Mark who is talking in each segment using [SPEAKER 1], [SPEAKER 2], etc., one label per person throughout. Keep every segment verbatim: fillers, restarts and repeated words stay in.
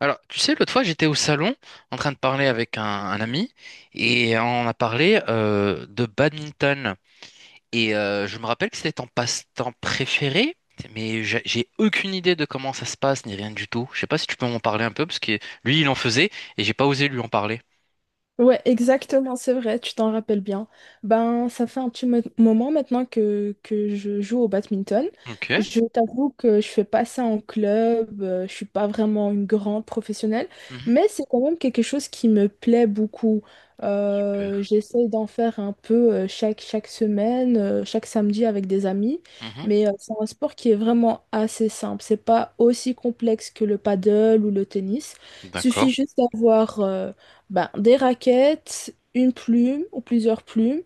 [SPEAKER 1] Alors, tu sais, l'autre fois, j'étais au salon en train de parler avec un, un ami et on a parlé euh, de badminton. Et euh, je me rappelle que c'était ton passe-temps préféré, mais j'ai j'ai aucune idée de comment ça se passe ni rien du tout. Je sais pas si tu peux m'en parler un peu parce que lui, il en faisait et j'ai pas osé lui en parler.
[SPEAKER 2] Ouais, exactement, c'est vrai, tu t'en rappelles bien. Ben, ça fait un petit mo- moment maintenant que, que je joue au badminton.
[SPEAKER 1] Ok.
[SPEAKER 2] Je t'avoue que je fais pas ça en club, euh, je suis pas vraiment une grande professionnelle,
[SPEAKER 1] Mhm.
[SPEAKER 2] mais c'est quand même quelque chose qui me plaît beaucoup.
[SPEAKER 1] Super.
[SPEAKER 2] Euh, j'essaye d'en faire un peu euh, chaque, chaque semaine, euh, chaque samedi avec des amis,
[SPEAKER 1] Mhm.
[SPEAKER 2] mais euh, c'est un sport qui est vraiment assez simple. C'est pas aussi complexe que le paddle ou le tennis.
[SPEAKER 1] D'accord.
[SPEAKER 2] Suffit juste d'avoir euh, ben, des raquettes, une plume ou plusieurs plumes,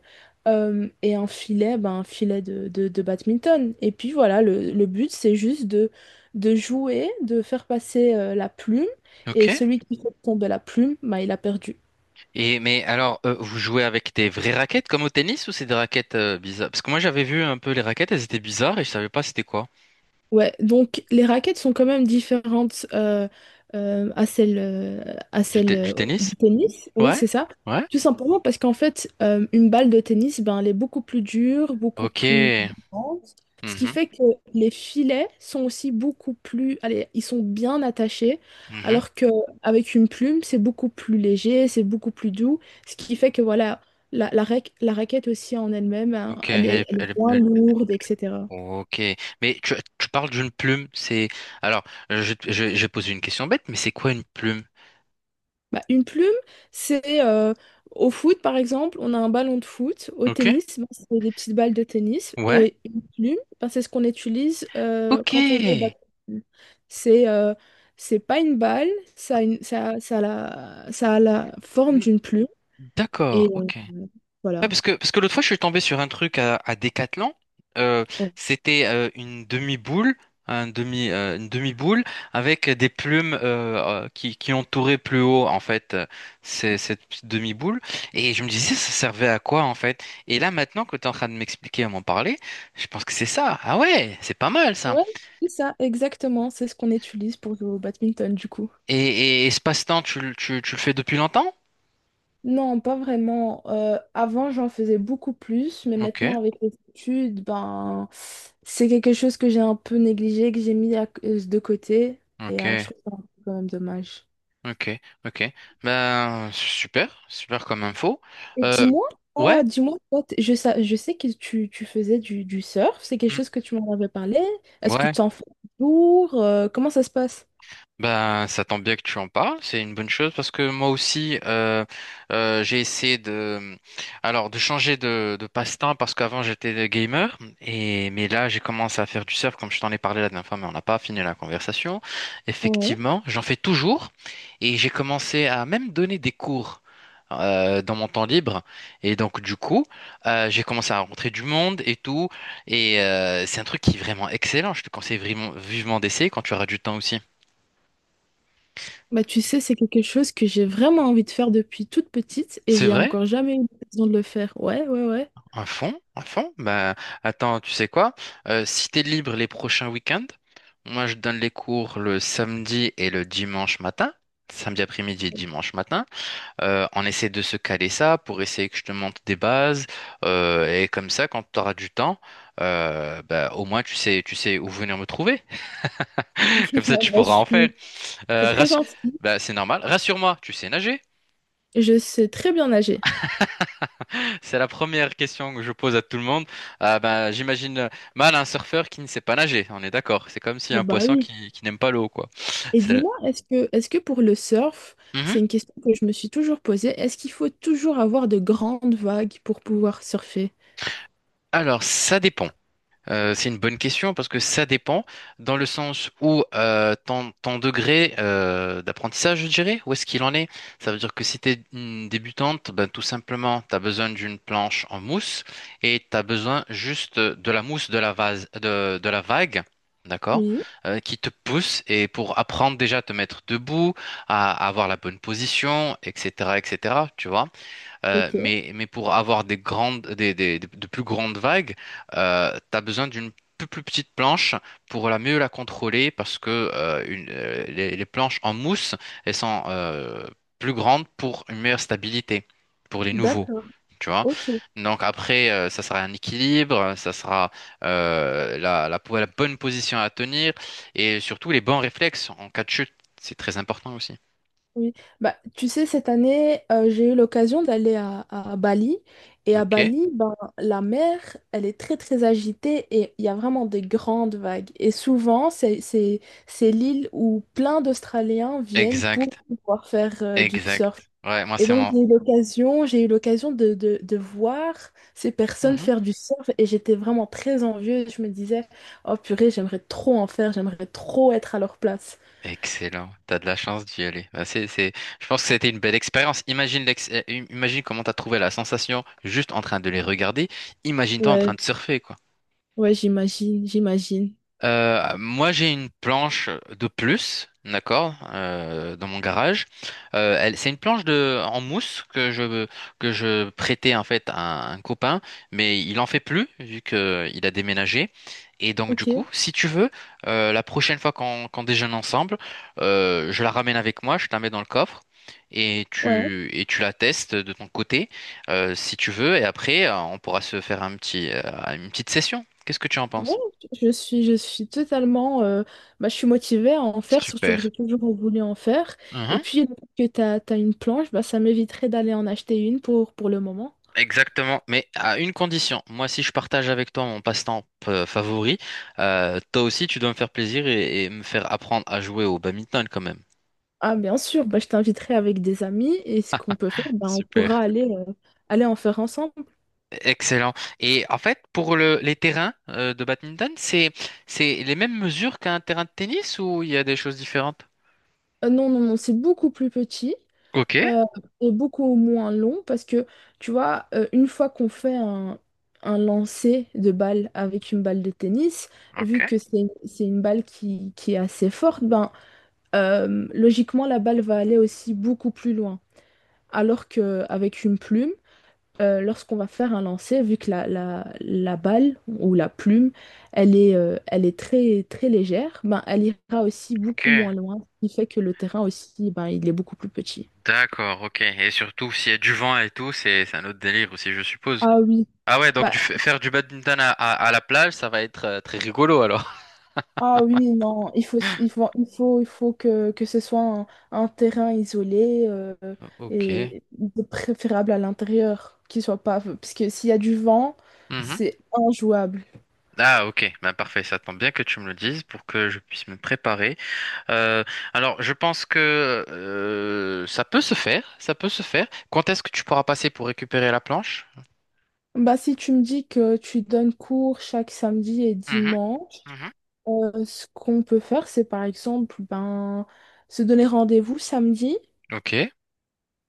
[SPEAKER 2] euh, et un filet, ben, un filet de, de, de badminton. Et puis voilà, le, le but, c'est juste de, de jouer, de faire passer euh, la plume,
[SPEAKER 1] Ok.
[SPEAKER 2] et celui qui fait tomber la plume, ben, il a perdu.
[SPEAKER 1] Et mais alors, euh, vous jouez avec des vraies raquettes comme au tennis, ou c'est des raquettes euh, bizarres? Parce que moi, j'avais vu un peu les raquettes, elles étaient bizarres et je savais pas c'était quoi.
[SPEAKER 2] Ouais, donc les raquettes sont quand même différentes euh, euh, à celles, euh, à
[SPEAKER 1] Du, te-
[SPEAKER 2] celles
[SPEAKER 1] du
[SPEAKER 2] euh,
[SPEAKER 1] tennis?
[SPEAKER 2] du tennis. Oui,
[SPEAKER 1] Ouais,
[SPEAKER 2] c'est ça.
[SPEAKER 1] ouais.
[SPEAKER 2] Tout simplement parce qu'en fait, euh, une balle de tennis, ben, elle est beaucoup plus dure, beaucoup
[SPEAKER 1] Ok.
[SPEAKER 2] plus... Ce qui
[SPEAKER 1] Mhm,
[SPEAKER 2] fait que les filets sont aussi beaucoup plus, allez, ils sont bien attachés,
[SPEAKER 1] mhm.
[SPEAKER 2] alors que avec une plume, c'est beaucoup plus léger, c'est beaucoup plus doux, ce qui fait que voilà, la, la, rac- la raquette aussi en elle-même, hein,
[SPEAKER 1] Ok,
[SPEAKER 2] elle
[SPEAKER 1] elle,
[SPEAKER 2] est,
[SPEAKER 1] est-
[SPEAKER 2] elle est
[SPEAKER 1] elle, est-
[SPEAKER 2] moins
[SPEAKER 1] elle-
[SPEAKER 2] lourde, et cétéra.
[SPEAKER 1] ok. Mais tu, tu parles d'une plume, c'est... Alors, euh, je, je, je pose une question bête, mais c'est quoi une plume?
[SPEAKER 2] Bah, une plume, c'est euh, au foot, par exemple, on a un ballon de foot. Au
[SPEAKER 1] Ok,
[SPEAKER 2] tennis, bah, c'est des petites balles de tennis.
[SPEAKER 1] ouais,
[SPEAKER 2] Et une plume, bah, c'est ce qu'on utilise euh,
[SPEAKER 1] ok.
[SPEAKER 2] quand on joue au ballon. C'est euh, c'est pas une balle, ça a, une- ça, a- ça a la, ça a la forme
[SPEAKER 1] Mm.
[SPEAKER 2] d'une plume. Et
[SPEAKER 1] D'accord,
[SPEAKER 2] euh,
[SPEAKER 1] ok. Ouais,
[SPEAKER 2] voilà.
[SPEAKER 1] parce que, parce que l'autre fois, je suis tombé sur un truc à, à Decathlon. Euh, C'était euh, une demi-boule, un demi, euh, une demi-boule avec des plumes euh, euh, qui, qui entouraient plus haut, en fait, euh, ces- cette petite demi-boule. Et je me disais, ça servait à quoi, en fait? Et là, maintenant que tu es en train de m'expliquer et m'en parler, je pense que c'est ça. Ah ouais, c'est pas mal, ça.
[SPEAKER 2] Ouais, c'est ça, exactement. C'est ce qu'on utilise pour jouer au badminton, du coup.
[SPEAKER 1] Et, et, et ce passe-temps, tu, le- tu, tu le fais depuis longtemps?
[SPEAKER 2] Non, pas vraiment. Euh, avant, j'en faisais beaucoup plus, mais
[SPEAKER 1] Ok,
[SPEAKER 2] maintenant, avec les études, ben, c'est quelque chose que j'ai un peu négligé, que j'ai mis à- euh, de côté, et euh, je
[SPEAKER 1] ok,
[SPEAKER 2] trouve ça un peu quand même dommage.
[SPEAKER 1] ok, ok. Ben, super, super comme info.
[SPEAKER 2] Et
[SPEAKER 1] Euh,
[SPEAKER 2] dis-moi,
[SPEAKER 1] Ouais.
[SPEAKER 2] toi, dis-moi, toi, t- je, sa- je sais que tu, tu faisais du, du surf, c'est quelque
[SPEAKER 1] Mm.
[SPEAKER 2] chose que tu m'en avais parlé. Est-ce que
[SPEAKER 1] Ouais.
[SPEAKER 2] tu en fais toujours? Euh, comment ça se passe?
[SPEAKER 1] Ben, ça tombe bien que tu en parles, c'est une bonne chose parce que moi aussi, euh, euh, j'ai essayé de, alors, de changer de, de passe-temps parce qu'avant j'étais gamer et mais là j'ai commencé à faire du surf comme je t'en ai parlé la dernière fois, mais on n'a pas fini la conversation.
[SPEAKER 2] Ouais.
[SPEAKER 1] Effectivement, j'en fais toujours et j'ai commencé à même donner des cours euh, dans mon temps libre, et donc du coup, euh, j'ai commencé à rencontrer du monde et tout, et euh, c'est un truc qui est vraiment excellent. Je te conseille vraiment vivement d'essayer quand tu auras du temps aussi.
[SPEAKER 2] Bah, tu sais, c'est quelque chose que j'ai vraiment envie de faire depuis toute petite et
[SPEAKER 1] C'est
[SPEAKER 2] j'ai
[SPEAKER 1] vrai?
[SPEAKER 2] encore jamais eu l'occasion de le faire. Ouais, ouais, ouais.
[SPEAKER 1] Un fond, un fond. Bah, attends, tu sais quoi? Euh, si t'es libre les prochains week-ends, moi je donne les cours le samedi et le dimanche matin, samedi après-midi et dimanche matin. Euh, on essaie de se caler ça pour essayer que je te montre des bases, euh, et comme ça, quand tu auras du temps, euh, bah, au moins tu sais, tu sais où venir me trouver. Comme ça,
[SPEAKER 2] Ah,
[SPEAKER 1] tu
[SPEAKER 2] bah, je
[SPEAKER 1] pourras en faire.
[SPEAKER 2] suis C'est
[SPEAKER 1] Euh,
[SPEAKER 2] très
[SPEAKER 1] rassu-
[SPEAKER 2] gentil.
[SPEAKER 1] Bah, c'est normal. Rassure-moi, tu sais nager.
[SPEAKER 2] Je sais très bien nager.
[SPEAKER 1] C'est la première question que je pose à tout le monde. Ah ben, j'imagine euh, mal un surfeur qui ne sait pas nager. On est d'accord. C'est comme si
[SPEAKER 2] Oh
[SPEAKER 1] un
[SPEAKER 2] bah
[SPEAKER 1] poisson
[SPEAKER 2] oui.
[SPEAKER 1] qui, qui n'aime pas l'eau, quoi.
[SPEAKER 2] Et
[SPEAKER 1] C'est le-
[SPEAKER 2] dis-moi, est-ce que, est-ce que pour le surf,
[SPEAKER 1] Mhm.
[SPEAKER 2] c'est une question que je me suis toujours posée, est-ce qu'il faut toujours avoir de grandes vagues pour pouvoir surfer?
[SPEAKER 1] Alors, ça dépend. Euh, c'est une bonne question parce que ça dépend dans le sens où euh, ton, ton degré euh, d'apprentissage, je dirais, où est-ce qu'il en est? Ça veut dire que si tu es une débutante, ben, tout simplement, tu as besoin d'une planche en mousse, et tu as besoin juste de la mousse de la vase, de, de la vague. D'accord?
[SPEAKER 2] Oui,
[SPEAKER 1] euh, qui te pousse et pour apprendre déjà à te mettre debout, à, à avoir la bonne position, et cetera, et cetera, tu vois? Euh,
[SPEAKER 2] ok,
[SPEAKER 1] mais, mais pour avoir des grandes, des, des- des- de plus grandes vagues, euh, tu as besoin d'une plus, plus petite planche pour la mieux la contrôler parce que euh, une- euh, les, les planches en mousse, elles sont euh, plus grandes pour une meilleure stabilité pour les nouveaux.
[SPEAKER 2] d'accord,
[SPEAKER 1] Tu vois?
[SPEAKER 2] ok.
[SPEAKER 1] Donc après, euh, ça sera un équilibre, ça sera euh, la, la, la bonne position à tenir, et surtout les bons réflexes en cas de chute. C'est très important aussi.
[SPEAKER 2] Oui, bah, tu sais, cette année, euh, j'ai eu l'occasion d'aller à, à Bali. Et à
[SPEAKER 1] Ok,
[SPEAKER 2] Bali, ben, la mer, elle est très, très agitée et il y a vraiment des grandes vagues. Et souvent, c'est, c'est, c'est l'île où plein d'Australiens viennent pour
[SPEAKER 1] exact,
[SPEAKER 2] pouvoir faire euh, du
[SPEAKER 1] exact.
[SPEAKER 2] surf.
[SPEAKER 1] Ouais, moi
[SPEAKER 2] Et
[SPEAKER 1] c'est
[SPEAKER 2] donc,
[SPEAKER 1] mon...
[SPEAKER 2] j'ai eu l'occasion, j'ai eu l'occasion de, de, de voir ces personnes
[SPEAKER 1] Mhm.
[SPEAKER 2] faire du surf et j'étais vraiment très envieuse. Je me disais, oh purée, j'aimerais trop en faire, j'aimerais trop être à leur place.
[SPEAKER 1] Excellent, t'as de la chance d'y aller. Bah, c'est, c'est... Je pense que c'était une belle expérience. Imagine l'ex... euh, im- Imagine comment t'as trouvé la sensation juste en train de les regarder. Imagine-toi en train
[SPEAKER 2] Ouais,
[SPEAKER 1] de surfer, quoi.
[SPEAKER 2] ouais, j'imagine, j'imagine.
[SPEAKER 1] Euh, moi, j'ai une planche de plus, d'accord, euh, dans mon garage. Euh, elle, c'est une planche de en mousse que je que je prêtais en fait à un copain, mais il en fait plus vu que il a déménagé. Et donc du coup,
[SPEAKER 2] Ok,
[SPEAKER 1] si tu veux, euh, la prochaine fois qu'on qu'on déjeune ensemble, euh, je la ramène avec moi, je te la mets dans le coffre. Et
[SPEAKER 2] ouais.
[SPEAKER 1] tu, et tu la testes de ton côté, euh, si tu veux, et après, euh, on pourra se faire un petit, euh, une petite session. Qu'est-ce que tu en
[SPEAKER 2] Ouais,
[SPEAKER 1] penses?
[SPEAKER 2] je suis, je suis totalement. euh, bah, je suis motivée à en faire, surtout que
[SPEAKER 1] Super.
[SPEAKER 2] j'ai toujours voulu en faire. Et
[SPEAKER 1] Mhm.
[SPEAKER 2] puis, le fait que tu as, une planche, bah, ça m'éviterait d'aller en acheter une pour, pour le moment.
[SPEAKER 1] Exactement, mais à une condition. Moi, si je partage avec toi mon passe-temps euh, favori, euh, toi aussi, tu dois me faire plaisir et, et me faire apprendre à jouer au badminton quand même.
[SPEAKER 2] Ah, bien sûr, bah, je t'inviterai avec des amis et ce qu'on peut faire, bah, on pourra
[SPEAKER 1] Super.
[SPEAKER 2] aller, euh, aller en faire ensemble.
[SPEAKER 1] Excellent. Et en fait, pour le- les terrains euh, de badminton, c'est c'est les mêmes mesures qu'un terrain de tennis, ou il y a des choses différentes?
[SPEAKER 2] Euh, non, non, non, c'est beaucoup plus petit.
[SPEAKER 1] Ok,
[SPEAKER 2] euh, Est beaucoup moins long parce que, tu vois, euh, une fois qu'on fait un, un lancer de balle avec une balle de tennis,
[SPEAKER 1] ok,
[SPEAKER 2] vu que c'est c'est une balle qui, qui est assez forte, ben, euh, logiquement, la balle va aller aussi beaucoup plus loin. Alors qu'avec une plume, euh, lorsqu'on va faire un lancer, vu que la, la, la balle ou la plume, elle est, euh, elle est très, très légère, ben, elle ira aussi
[SPEAKER 1] ok.
[SPEAKER 2] beaucoup moins loin, ce qui fait que le terrain aussi, ben, il est beaucoup plus petit.
[SPEAKER 1] D'accord, ok. Et surtout, s'il y a du vent et tout, c'est c'est un autre délire aussi, je suppose.
[SPEAKER 2] Ah oui.
[SPEAKER 1] Ah ouais, donc
[SPEAKER 2] Bah,
[SPEAKER 1] du, f- faire du badminton à, à- à la plage, ça va être euh, très rigolo alors.
[SPEAKER 2] ah oui, non, il faut, il faut, il faut, il faut que, que ce soit un, un terrain isolé euh,
[SPEAKER 1] Ok.
[SPEAKER 2] et de préférable à l'intérieur, qu'il soit pas, parce que s'il y a du vent,
[SPEAKER 1] Mhm.
[SPEAKER 2] c'est injouable.
[SPEAKER 1] Ah, ok. Bah, parfait. Ça tombe bien que tu me le dises pour que je puisse me préparer. Euh, alors, je pense que euh, ça peut se faire. Ça peut se faire. Quand est-ce que tu pourras passer pour récupérer la planche?
[SPEAKER 2] Bah, si tu me dis que tu donnes cours chaque samedi et
[SPEAKER 1] Mhm.
[SPEAKER 2] dimanche,
[SPEAKER 1] Mhm.
[SPEAKER 2] euh, ce qu'on peut faire, c'est par exemple ben, se donner rendez-vous samedi
[SPEAKER 1] Ok.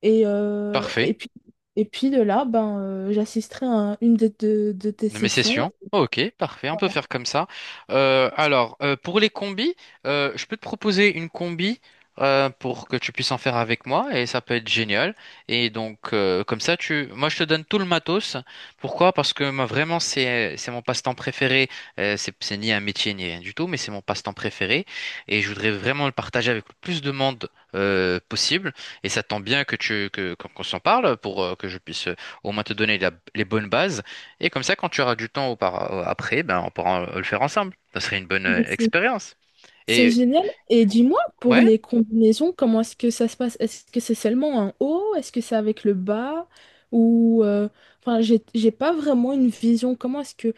[SPEAKER 2] et, euh, et
[SPEAKER 1] Parfait.
[SPEAKER 2] puis, et puis de là, ben, euh, j'assisterai à un- une de, de de tes
[SPEAKER 1] De mes
[SPEAKER 2] sessions.
[SPEAKER 1] sessions. Ok, parfait, on peut faire comme ça. Euh, alors, euh, pour les combis, euh, je peux te proposer une combi euh, pour que tu puisses en faire avec moi, et ça peut être génial. Et donc, euh, comme ça, tu... moi, je te donne tout le matos. Pourquoi? Parce que moi, vraiment, c'est c'est mon passe-temps préféré. Euh, c'est c'est ni un métier ni rien du tout, mais c'est mon passe-temps préféré, et je voudrais vraiment le partager avec le plus de monde euh, possible. Et ça tombe bien que tu que qu'on qu'on s'en parle pour euh, que je puisse euh, au moins te donner la- les bonnes bases. Et comme ça, quand tu auras du temps aupara- après, ben, on pourra euh, le faire ensemble. Ça serait une bonne euh, expérience.
[SPEAKER 2] C'est
[SPEAKER 1] Et
[SPEAKER 2] génial. Et dis-moi, pour
[SPEAKER 1] ouais,
[SPEAKER 2] les combinaisons, comment est-ce que ça se passe? Est-ce que c'est seulement un haut? Est-ce que c'est avec le bas? Ou euh, enfin, j'ai j'ai pas vraiment une vision. Comment est-ce que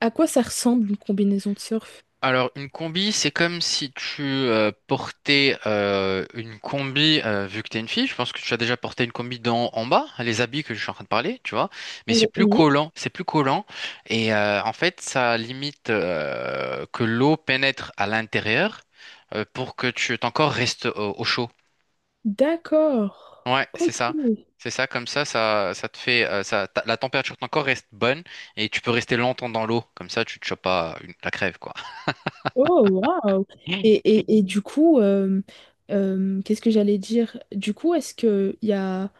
[SPEAKER 2] à quoi ça ressemble une combinaison de surf?
[SPEAKER 1] alors une combi, c'est comme si tu euh, portais euh, une combi, euh, vu que tu es une fille, je pense que tu as déjà porté une combi d'en en bas, les habits que je suis en train de parler, tu vois. Mais c'est
[SPEAKER 2] Oh,
[SPEAKER 1] plus
[SPEAKER 2] oui.
[SPEAKER 1] collant, c'est plus collant. Et euh, en fait, ça limite euh, que l'eau pénètre à l'intérieur, euh, pour que tu, ton corps reste au au chaud.
[SPEAKER 2] D'accord.
[SPEAKER 1] Ouais, c'est
[SPEAKER 2] Ok.
[SPEAKER 1] ça. C'est ça, comme ça, ça, ça te fait, euh, ça, ta- la température de ton corps reste bonne, et tu peux rester longtemps dans l'eau. Comme ça, tu te chopes pas une- la crève, quoi.
[SPEAKER 2] Oh waouh.
[SPEAKER 1] Mm.
[SPEAKER 2] Et, et, et du coup, euh, euh, qu'est-ce que j'allais dire? Du coup, est-ce que il y a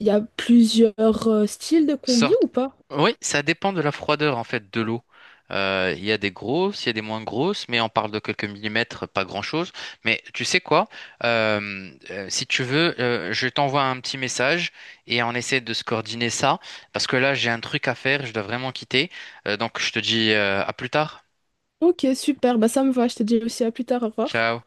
[SPEAKER 2] il y a plusieurs euh, styles de combi
[SPEAKER 1] Sorte.
[SPEAKER 2] ou pas?
[SPEAKER 1] Oui, ça dépend de la froideur, en fait, de l'eau. Euh, Il y a des grosses, il y a des moins grosses, mais on parle de quelques millimètres, pas grand-chose. Mais tu sais quoi? Euh, euh, si tu veux, euh, je t'envoie un petit message, et on essaie de se coordonner ça, parce que là, j'ai un truc à faire, je dois vraiment quitter. Euh, donc, je te dis, euh, à plus tard.
[SPEAKER 2] Ok, super. Bah ça me va. Je te dis aussi à plus tard. Au revoir.
[SPEAKER 1] Ciao.